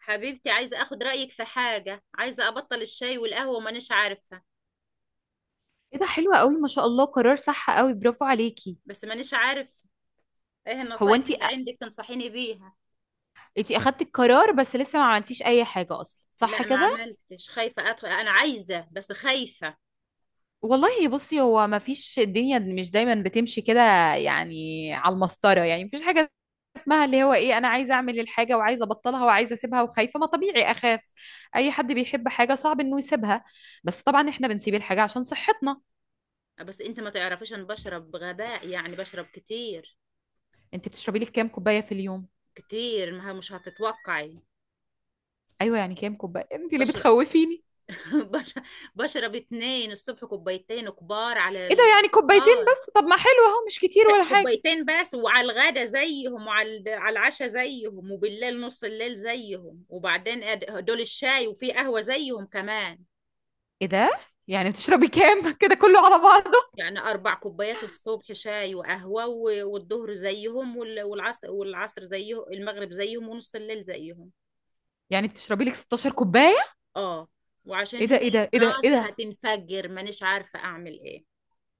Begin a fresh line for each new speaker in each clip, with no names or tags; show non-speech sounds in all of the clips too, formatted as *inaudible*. حبيبتي، عايزة اخد رأيك في حاجة، عايزة ابطل الشاي والقهوة ومانيش عارفة.
ايه ده، حلوة قوي ما شاء الله، قرار صح قوي، برافو عليكي.
بس مانيش عارف ايه
هو
النصايح
انتي،
اللي عندك تنصحيني بيها.
انتي اخدتي القرار بس لسه ما عملتيش اي حاجة اصلا، صح
لا، ما
كده؟
عملتش، خايفة ادخل، انا عايزة بس خايفة.
والله بصي، هو ما فيش، الدنيا مش دايما بتمشي كده يعني على المسطرة، يعني مفيش حاجة اسمها اللي هو ايه، انا عايزة اعمل الحاجة وعايزة ابطلها وعايزة اسيبها وخايفة، ما طبيعي اخاف. اي حد بيحب حاجة صعب انه يسيبها، بس طبعا احنا بنسيب الحاجة عشان صحتنا.
بس انت ما تعرفيش، انا بشرب بغباء، يعني بشرب كتير.
انتي بتشربي لك كام كوباية في اليوم؟
كتير ما مش هتتوقعي.
ايوه يعني كام كوباية؟ انتي اللي
بشرب
بتخوفيني.
*laughs* بش- بشرب اتنين الصبح، كوبايتين كبار على
ايه ده؟ يعني كوبايتين
الفطار.
بس؟ طب ما حلو اهو، مش كتير ولا حاجة.
كوبايتين بس، وعلى الغدا زيهم، وعلى على العشاء زيهم، وبالليل نص الليل زيهم، وبعدين دول الشاي، وفي قهوة زيهم كمان.
ايه ده؟ يعني بتشربي كام؟ *laughs* كده كله على بعضه؟
يعني 4 كوبايات الصبح، شاي وقهوة، والظهر زيهم، والعصر، والعصر زيهم، المغرب زيهم، ونص الليل زيهم.
يعني بتشربي لك 16 كوباية؟
اه. وعشان
ايه ده،
هي
ايه ده،
في
ايه ده، ايه
راسي
ده؟
هتنفجر، مانيش عارفة أعمل إيه.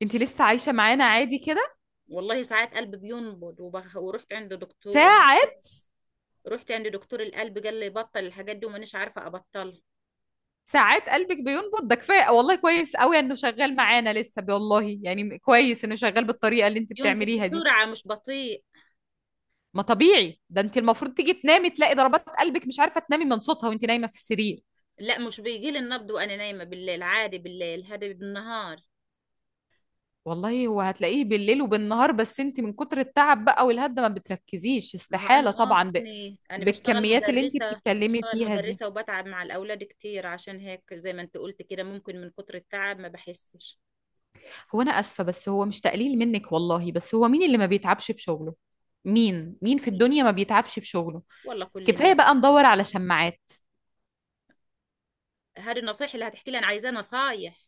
انت لسه عايشة معانا عادي كده؟
والله ساعات قلبي بينبض ورحت عند دكتور دكتور
ساعات.
رحت عند دكتور القلب، قال لي بطل الحاجات دي، ومانيش عارفة أبطلها.
ساعات قلبك بينبض؟ ده كفاية والله، كويس قوي انه شغال معانا لسه، والله يعني كويس انه شغال بالطريقة اللي انت
ينبض
بتعمليها دي.
بسرعة، مش بطيء.
ما طبيعي ده، انت المفروض تيجي تنامي تلاقي ضربات قلبك، مش عارفة تنامي من صوتها وانت نايمة في السرير.
لا، مش بيجي لي النبض وانا نايمة بالليل، عادي بالليل هذا بالنهار.
والله هو هتلاقيه بالليل وبالنهار، بس انت من كتر التعب بقى والهدة ما بتركزيش،
ما هو انا،
استحالة طبعا
انا بشتغل
بالكميات اللي انت
مدرسة،
بتتكلمي فيها دي.
وبتعب مع الاولاد كتير، عشان هيك، زي ما انت قلت كده، ممكن من كتر التعب ما بحسش.
هو انا اسفه، بس هو مش تقليل منك والله، بس هو مين اللي ما بيتعبش بشغله؟ مين، مين في الدنيا ما بيتعبش بشغله؟
والله كل
كفايه
الناس.
بقى ندور على شماعات.
هذه النصيحة اللي هتحكي لي؟ انا عايزاه نصايح.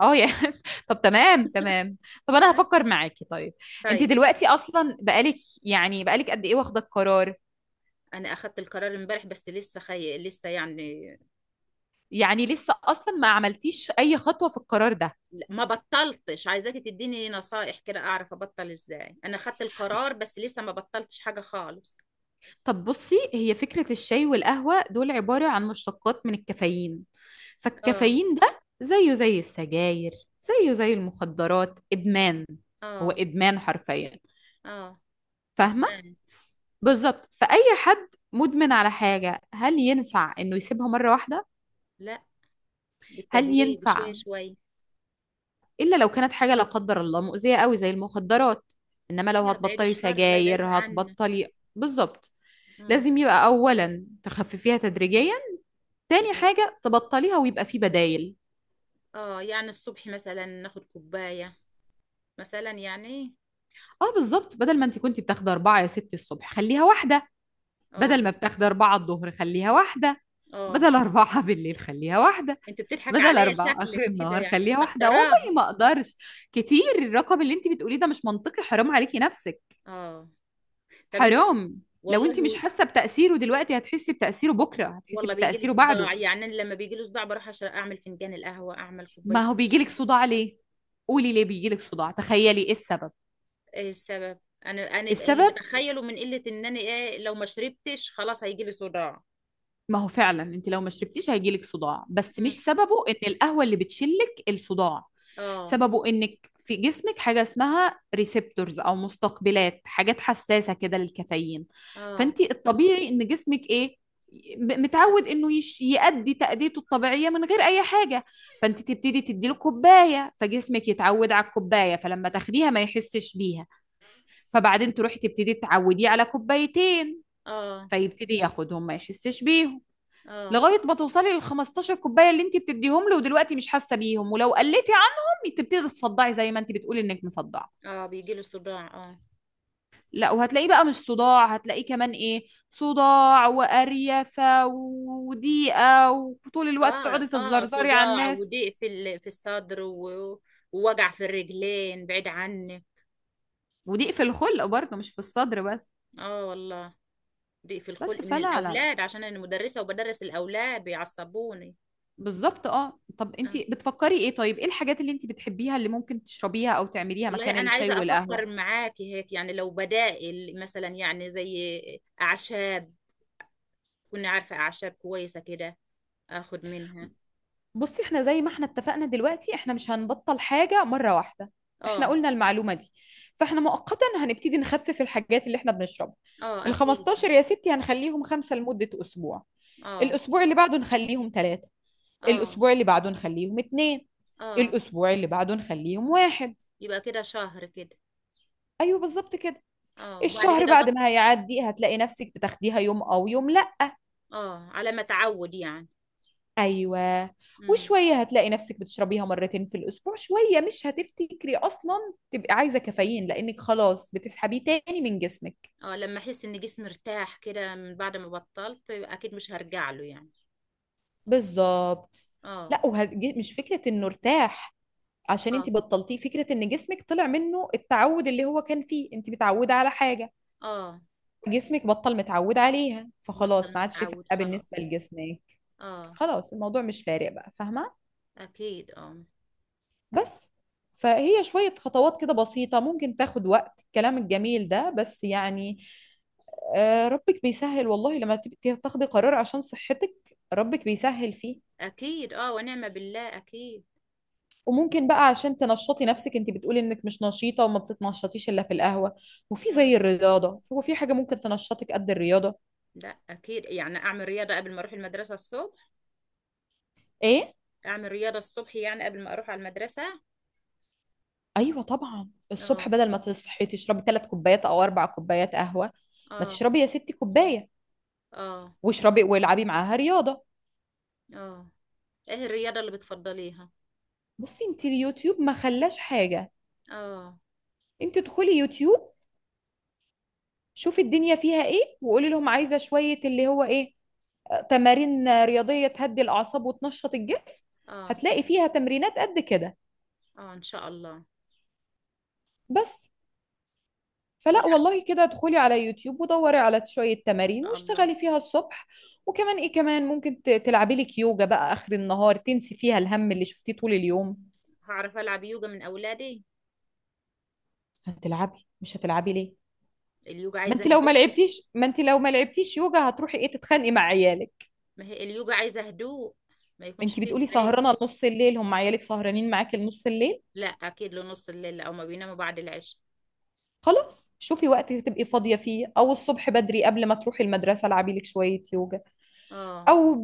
اه يا *laughs* طب تمام، طب انا هفكر معاكي، طيب. انت
طيب،
دلوقتي اصلا بقالك، يعني بقالك قد ايه واخده القرار؟
انا اخدت القرار امبارح، بس لسه يعني.
يعني لسه اصلا ما عملتيش اي خطوه في القرار ده.
لا، ما بطلتش، عايزاكي تديني نصائح كده اعرف ابطل ازاي، انا خدت القرار بس لسه ما بطلتش حاجة خالص.
طب بصي، هي فكرة الشاي والقهوة دول عبارة عن مشتقات من الكافيين،
اه.
فالكافيين ده زيه زي السجاير، زيه زي المخدرات، إدمان. هو
اه.
إدمان حرفيا،
اه.
فاهمة؟
ادمان.
بالظبط. فأي حد مدمن على حاجة، هل ينفع إنه يسيبها مرة واحدة؟
لا،
هل
بالتدريج، شوية
ينفع؟
شوية.
إلا لو كانت حاجة لا قدر الله مؤذية قوي زي المخدرات، إنما لو
لا، بعيد
هتبطلي
الشر، الله
سجاير
يبعدها عنا.
هتبطلي. بالظبط.
مم.
لازم يبقى أولا تخففيها تدريجيا، تاني
يعني،
حاجة تبطليها ويبقى في بدايل.
اه، يعني الصبح مثلا ناخد كوباية، مثلا يعني.
اه بالظبط، بدل ما انت كنت بتاخدي أربعة يا ستي الصبح خليها واحدة،
اه.
بدل ما بتاخدي أربعة الظهر خليها واحدة،
اه.
بدل أربعة *laughs* بالليل خليها واحدة،
انت بتضحك
بدل
عليا
أربعة آخر
شكلك كده،
النهار
يعني
خليها واحدة. والله
مستكتراهم.
ما أقدرش، كتير، الرقم اللي انت بتقوليه ده مش منطقي، حرام عليكي نفسك،
اه، طب انت.
حرام. لو انت مش
والله.
حاسة بتأثيره دلوقتي، هتحسي بتأثيره بكرة، هتحسي
والله بيجي له
بتأثيره بعده.
صداع، يعني أنا لما بيجي له صداع بروح عشان اعمل فنجان القهوه، اعمل
ما
كوبايه
هو بيجيلك
الشاي.
صداع ليه؟ قولي ليه بيجيلك صداع، تخيلي ايه السبب.
ايه السبب؟ انا، انا اللي
السبب،
بتخيله من قله، ان انا، ايه، لو ما شربتش خلاص هيجي لي صداع.
ما هو فعلا انت لو ما شربتيش هيجيلك صداع، بس مش
مم.
سببه ان القهوة اللي بتشلك الصداع.
اه.
سببه انك في جسمك حاجة اسمها ريسبتورز او مستقبلات، حاجات حساسة كده للكافيين.
اه.
فانت الطبيعي ان جسمك ايه،
حس-
متعود انه يش يأدي تأديته الطبيعية من غير اي حاجة. فانت تبتدي تديله كوباية فجسمك يتعود على الكوباية، فلما تاخديها ما يحسش بيها، فبعدين تروحي تبتدي تعوديه على كوبايتين،
اه.
فيبتدي ياخدهم ما يحسش بيهم،
اه.
لغايه ما توصلي لل 15 كوبايه اللي انت بتديهم له، ودلوقتي مش حاسه بيهم. ولو قلتي عنهم تبتدي تصدعي زي ما انت بتقولي انك مصدعه.
اه، بيجي له صداع، اه.
لا، وهتلاقيه بقى مش صداع، هتلاقيه كمان ايه، صداع وقريفه وضيقه، وطول الوقت
اه.
تقعدي
اه،
تتزرزري على
صداع
الناس.
وضيق في الصدر ووجع في الرجلين، بعيد عني.
وضيق في الخلق برضه، مش في الصدر بس.
اه والله. ضيق في
بس
الخلق من
فلا، لا لا
الاولاد، عشان انا مدرسه وبدرس الاولاد بيعصبوني.
بالظبط. اه طب انت
آه.
بتفكري ايه؟ طيب ايه الحاجات اللي انت بتحبيها اللي ممكن تشربيها او تعمليها
والله
مكان
أنا
الشاي
عايزة
والقهوه؟
أفكر معاكي هيك، يعني لو بدائل مثلا، يعني زي أعشاب، كنا عارفة أعشاب كويسة كده، أخد منها.
بصي، احنا زي ما احنا اتفقنا دلوقتي، احنا مش هنبطل حاجة مرة واحدة. احنا
آه.
قلنا المعلومة دي، فاحنا مؤقتا هنبتدي نخفف الحاجات اللي احنا بنشربها.
آه
ال
أكيد.
15 يا ستي هنخليهم خمسة لمدة أسبوع،
آه.
الأسبوع اللي بعده نخليهم ثلاثة،
آه.
الأسبوع اللي بعده نخليهم اتنين،
آه،
الأسبوع اللي بعده نخليهم واحد.
يبقى كده شهر كده.
أيوه بالظبط كده.
آه، وبعد
الشهر
كده
بعد ما هيعدي هتلاقي نفسك بتاخديها يوم أو يوم.
آه، على ما أتعود يعني.
ايوه.
امم.
وشويه هتلاقي نفسك بتشربيها مرتين في الاسبوع، شويه مش هتفتكري اصلا تبقي عايزه كافيين، لانك خلاص بتسحبيه تاني من جسمك.
آه، لما أحس إن جسمي ارتاح كده من بعد ما بطلت، يبقى أكيد مش هرجع له يعني.
بالظبط.
آه.
لا، مش فكره انه ارتاح عشان انت
آه.
بطلتيه، فكره ان جسمك طلع منه التعود اللي هو كان فيه. انت متعوده على حاجه،
آه،
جسمك بطل متعود عليها، فخلاص
بطل
ما عادش
متعود
فارقه بالنسبه
خلاص.
لجسمك.
آه.
خلاص الموضوع مش فارق بقى، فاهمه؟
أكيد آه.
بس. فهي شوية خطوات كده بسيطة، ممكن تاخد وقت، الكلام الجميل ده بس يعني. آه، ربك بيسهل والله، لما تبقي تاخدي قرار عشان صحتك ربك بيسهل فيه.
أكيد، آه ونعمة بالله أكيد.
وممكن بقى عشان تنشطي نفسك، انت بتقولي انك مش نشيطة وما بتتنشطيش الا في القهوة، وفي
مم.
زي الرياضة، هو في حاجة ممكن تنشطك قد الرياضة؟
لا اكيد، يعني اعمل رياضه قبل ما اروح المدرسه الصبح.
ايه.
اعمل رياضه الصبح، يعني قبل ما اروح على المدرسه.
ايوه طبعا، الصبح
اه.
بدل ما تصحي تشربي ثلاث كوبايات او اربع كوبايات قهوة، ما
اه.
تشربي يا ستي كوباية،
اه.
واشربي والعبي معاها رياضة.
اه. ايه الرياضه اللي بتفضليها؟
بصي، انت اليوتيوب ما خلاش حاجة،
اه.
انت ادخلي يوتيوب، شوفي الدنيا فيها ايه، وقولي لهم عايزة شوية اللي هو ايه، آه، تمارين رياضية تهدي الأعصاب وتنشط الجسم.
اه.
هتلاقي فيها تمرينات قد كده.
اه، ان شاء الله.
بس.
ولا
فلا
ان
والله، كده ادخلي على يوتيوب ودوري على شوية تمارين
شاء الله.
واشتغلي فيها الصبح. وكمان ايه، كمان ممكن تلعبي لك يوجا بقى آخر النهار، تنسي فيها الهم اللي شفتيه طول اليوم.
هعرف العب يوجا من اولادي؟
هتلعبي، مش هتلعبي ليه؟
اليوجا
ما
عايزه
انت لو ما
هدوء.
لعبتيش، يوجا هتروحي ايه، تتخانقي مع عيالك.
ما هي اليوجا عايزه هدوء، ما يكونش
انت
فيه
بتقولي
زعيق.
سهرانه لنص الليل، هم عيالك سهرانين معاكي لنص الليل.
لا، اكيد لنص الليل، او ما بيناموا بعد العشاء.
خلاص شوفي وقت تبقي فاضيه فيه، او الصبح بدري قبل ما تروحي المدرسه العبي لك شويه يوجا.
اه.
او ب...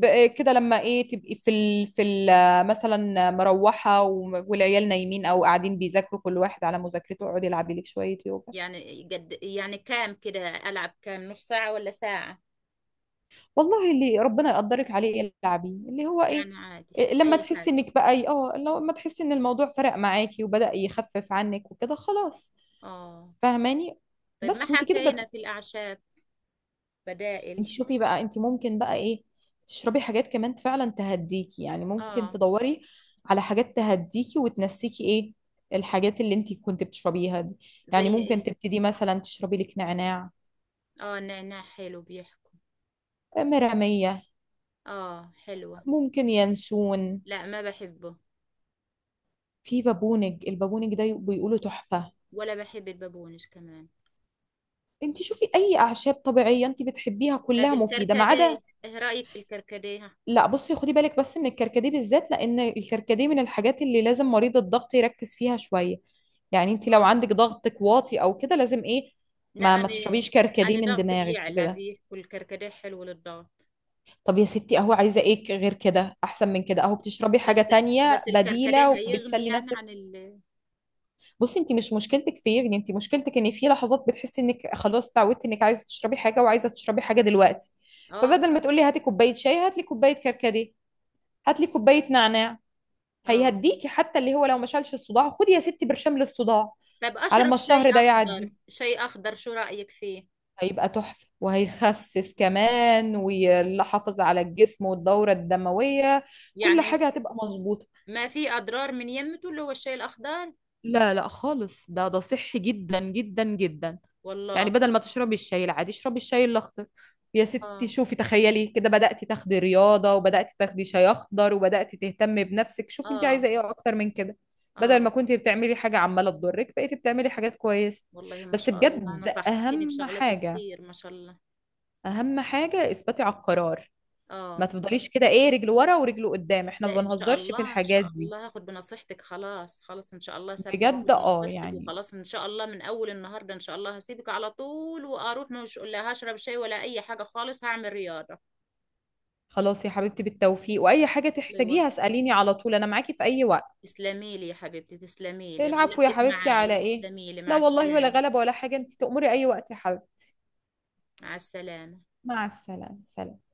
ب... كده لما ايه، تبقي مثلا مروحه والعيال نايمين او قاعدين بيذاكروا كل واحد على مذاكرته، اقعدي العبي لك شويه يوجا.
يعني قد يعني كام كده؟ العب كام؟ نص ساعه ولا ساعه؟
والله اللي ربنا يقدرك عليه العبيه اللي هو ايه.
يعني عادي
إيه، لما
اي
تحسي
حاجه.
انك بقى اه، لما تحسي ان الموضوع فرق معاكي وبدأ يخفف عنك وكده، خلاص.
اه،
فاهماني؟
طيب ما
بس. انت كده
حكينا في الأعشاب.
انت
بدائل.
شوفي بقى، انت ممكن بقى ايه، تشربي حاجات كمان فعلا تهديكي، يعني ممكن
آه.
تدوري على حاجات تهديكي وتنسيكي ايه الحاجات اللي انت كنت بتشربيها دي.
زي
يعني ممكن
إيه؟
تبتدي مثلا تشربي لك نعناع،
آه، النعناع حلو بيحكوا.
مرامية،
آه حلوة.
ممكن ينسون،
لا، ما بحبه.
في بابونج، البابونج ده بيقولوا تحفة.
ولا بحب البابونج كمان.
انت شوفي اي اعشاب طبيعية انت بتحبيها
طب
كلها مفيدة، ما عدا.
الكركديه، إيه رأيك في الكركديه؟
لا بصي، خدي بالك بس من الكركديه بالذات، لان الكركديه من الحاجات اللي لازم مريض الضغط يركز فيها شويه. يعني انت لو
آه.
عندك ضغطك واطي او كده، لازم ايه،
لا،
ما
أنا
تشربيش كركديه
أنا
من
ضغطي
دماغك
بيعلى،
وكده.
بيحكوا الكركديه حلو للضغط.
طب يا ستي اهو، عايزه ايه غير كده، احسن من كده،
بس
اهو بتشربي حاجه
بس
تانية
بس الكركديه
بديله
هيغني
وبتسلي
يعني
نفسك.
عن ال.
بصي، انت مش مشكلتك في إيه؟ يعني انت مشكلتك ان في لحظات بتحسي انك خلاص اتعودتي انك عايزه تشربي حاجه، وعايزه تشربي حاجه دلوقتي.
آه.
فبدل ما تقولي هاتي كوبايه شاي، هاتلي كوبايه كركديه، هاتلي كوبايه نعناع،
اه،
هيهديكي. حتى اللي هو لو ما شالش الصداع خدي يا ستي برشام للصداع،
طب
على ما
اشرب شاي
الشهر ده
اخضر،
يعدي.
شاي اخضر، شو رايك فيه؟
هيبقى تحفة، وهيخسس كمان، ويحافظ على الجسم والدورة الدموية، كل
يعني
حاجة هتبقى مظبوطة.
ما في أضرار من يمته اللي هو الشاي الأخضر؟
لا لا خالص، ده صحي جدا جدا جدا. يعني
والله.
بدل ما تشربي الشاي العادي اشربي الشاي الاخضر. يا ستي
آه.
شوفي، تخيلي كده، بدأتي تاخدي رياضة، وبدأتي تاخدي شاي اخضر، وبدأتي تهتمي بنفسك، شوفي انت عايزة
آه.
ايه اكتر من كده. بدل ما
آه.
كنت بتعملي حاجة عمالة تضرك بقيتي بتعملي حاجات كويسة.
والله ما
بس
شاء الله،
بجد،
نصحتيني
اهم
بشغلات
حاجة،
كتير، ما شاء الله.
اهم حاجة، اثباتي على القرار. ما
آه.
تفضليش كده ايه، رجل ورا ورجل قدام، احنا ما
لا، إن شاء
بنهزرش في
الله إن
الحاجات
شاء
دي.
الله هاخد بنصيحتك، خلاص خلاص إن شاء الله ثابتة
بجد،
واخد
اه
بنصيحتك،
يعني،
وخلاص إن شاء الله من أول النهاردة إن شاء الله هسيبك على طول وأروح، مش، لا، هشرب شاي ولا أي حاجة خالص، هعمل رياضة.
خلاص يا حبيبتي بالتوفيق، واي حاجة
الله يوفقك.
تحتاجيها اسأليني على طول، انا معاكي في اي وقت.
تسلمي لي يا حبيبتي، تسلمي لي
العفو يا
غلبتك
حبيبتي، على
معايا،
ايه؟
تسلمي لي،
لا
مع
والله، ولا
السلامة.
غلبة ولا حاجة، انت تأمري اي وقت يا حبيبتي.
مع السلامة.
مع السلامة، سلام.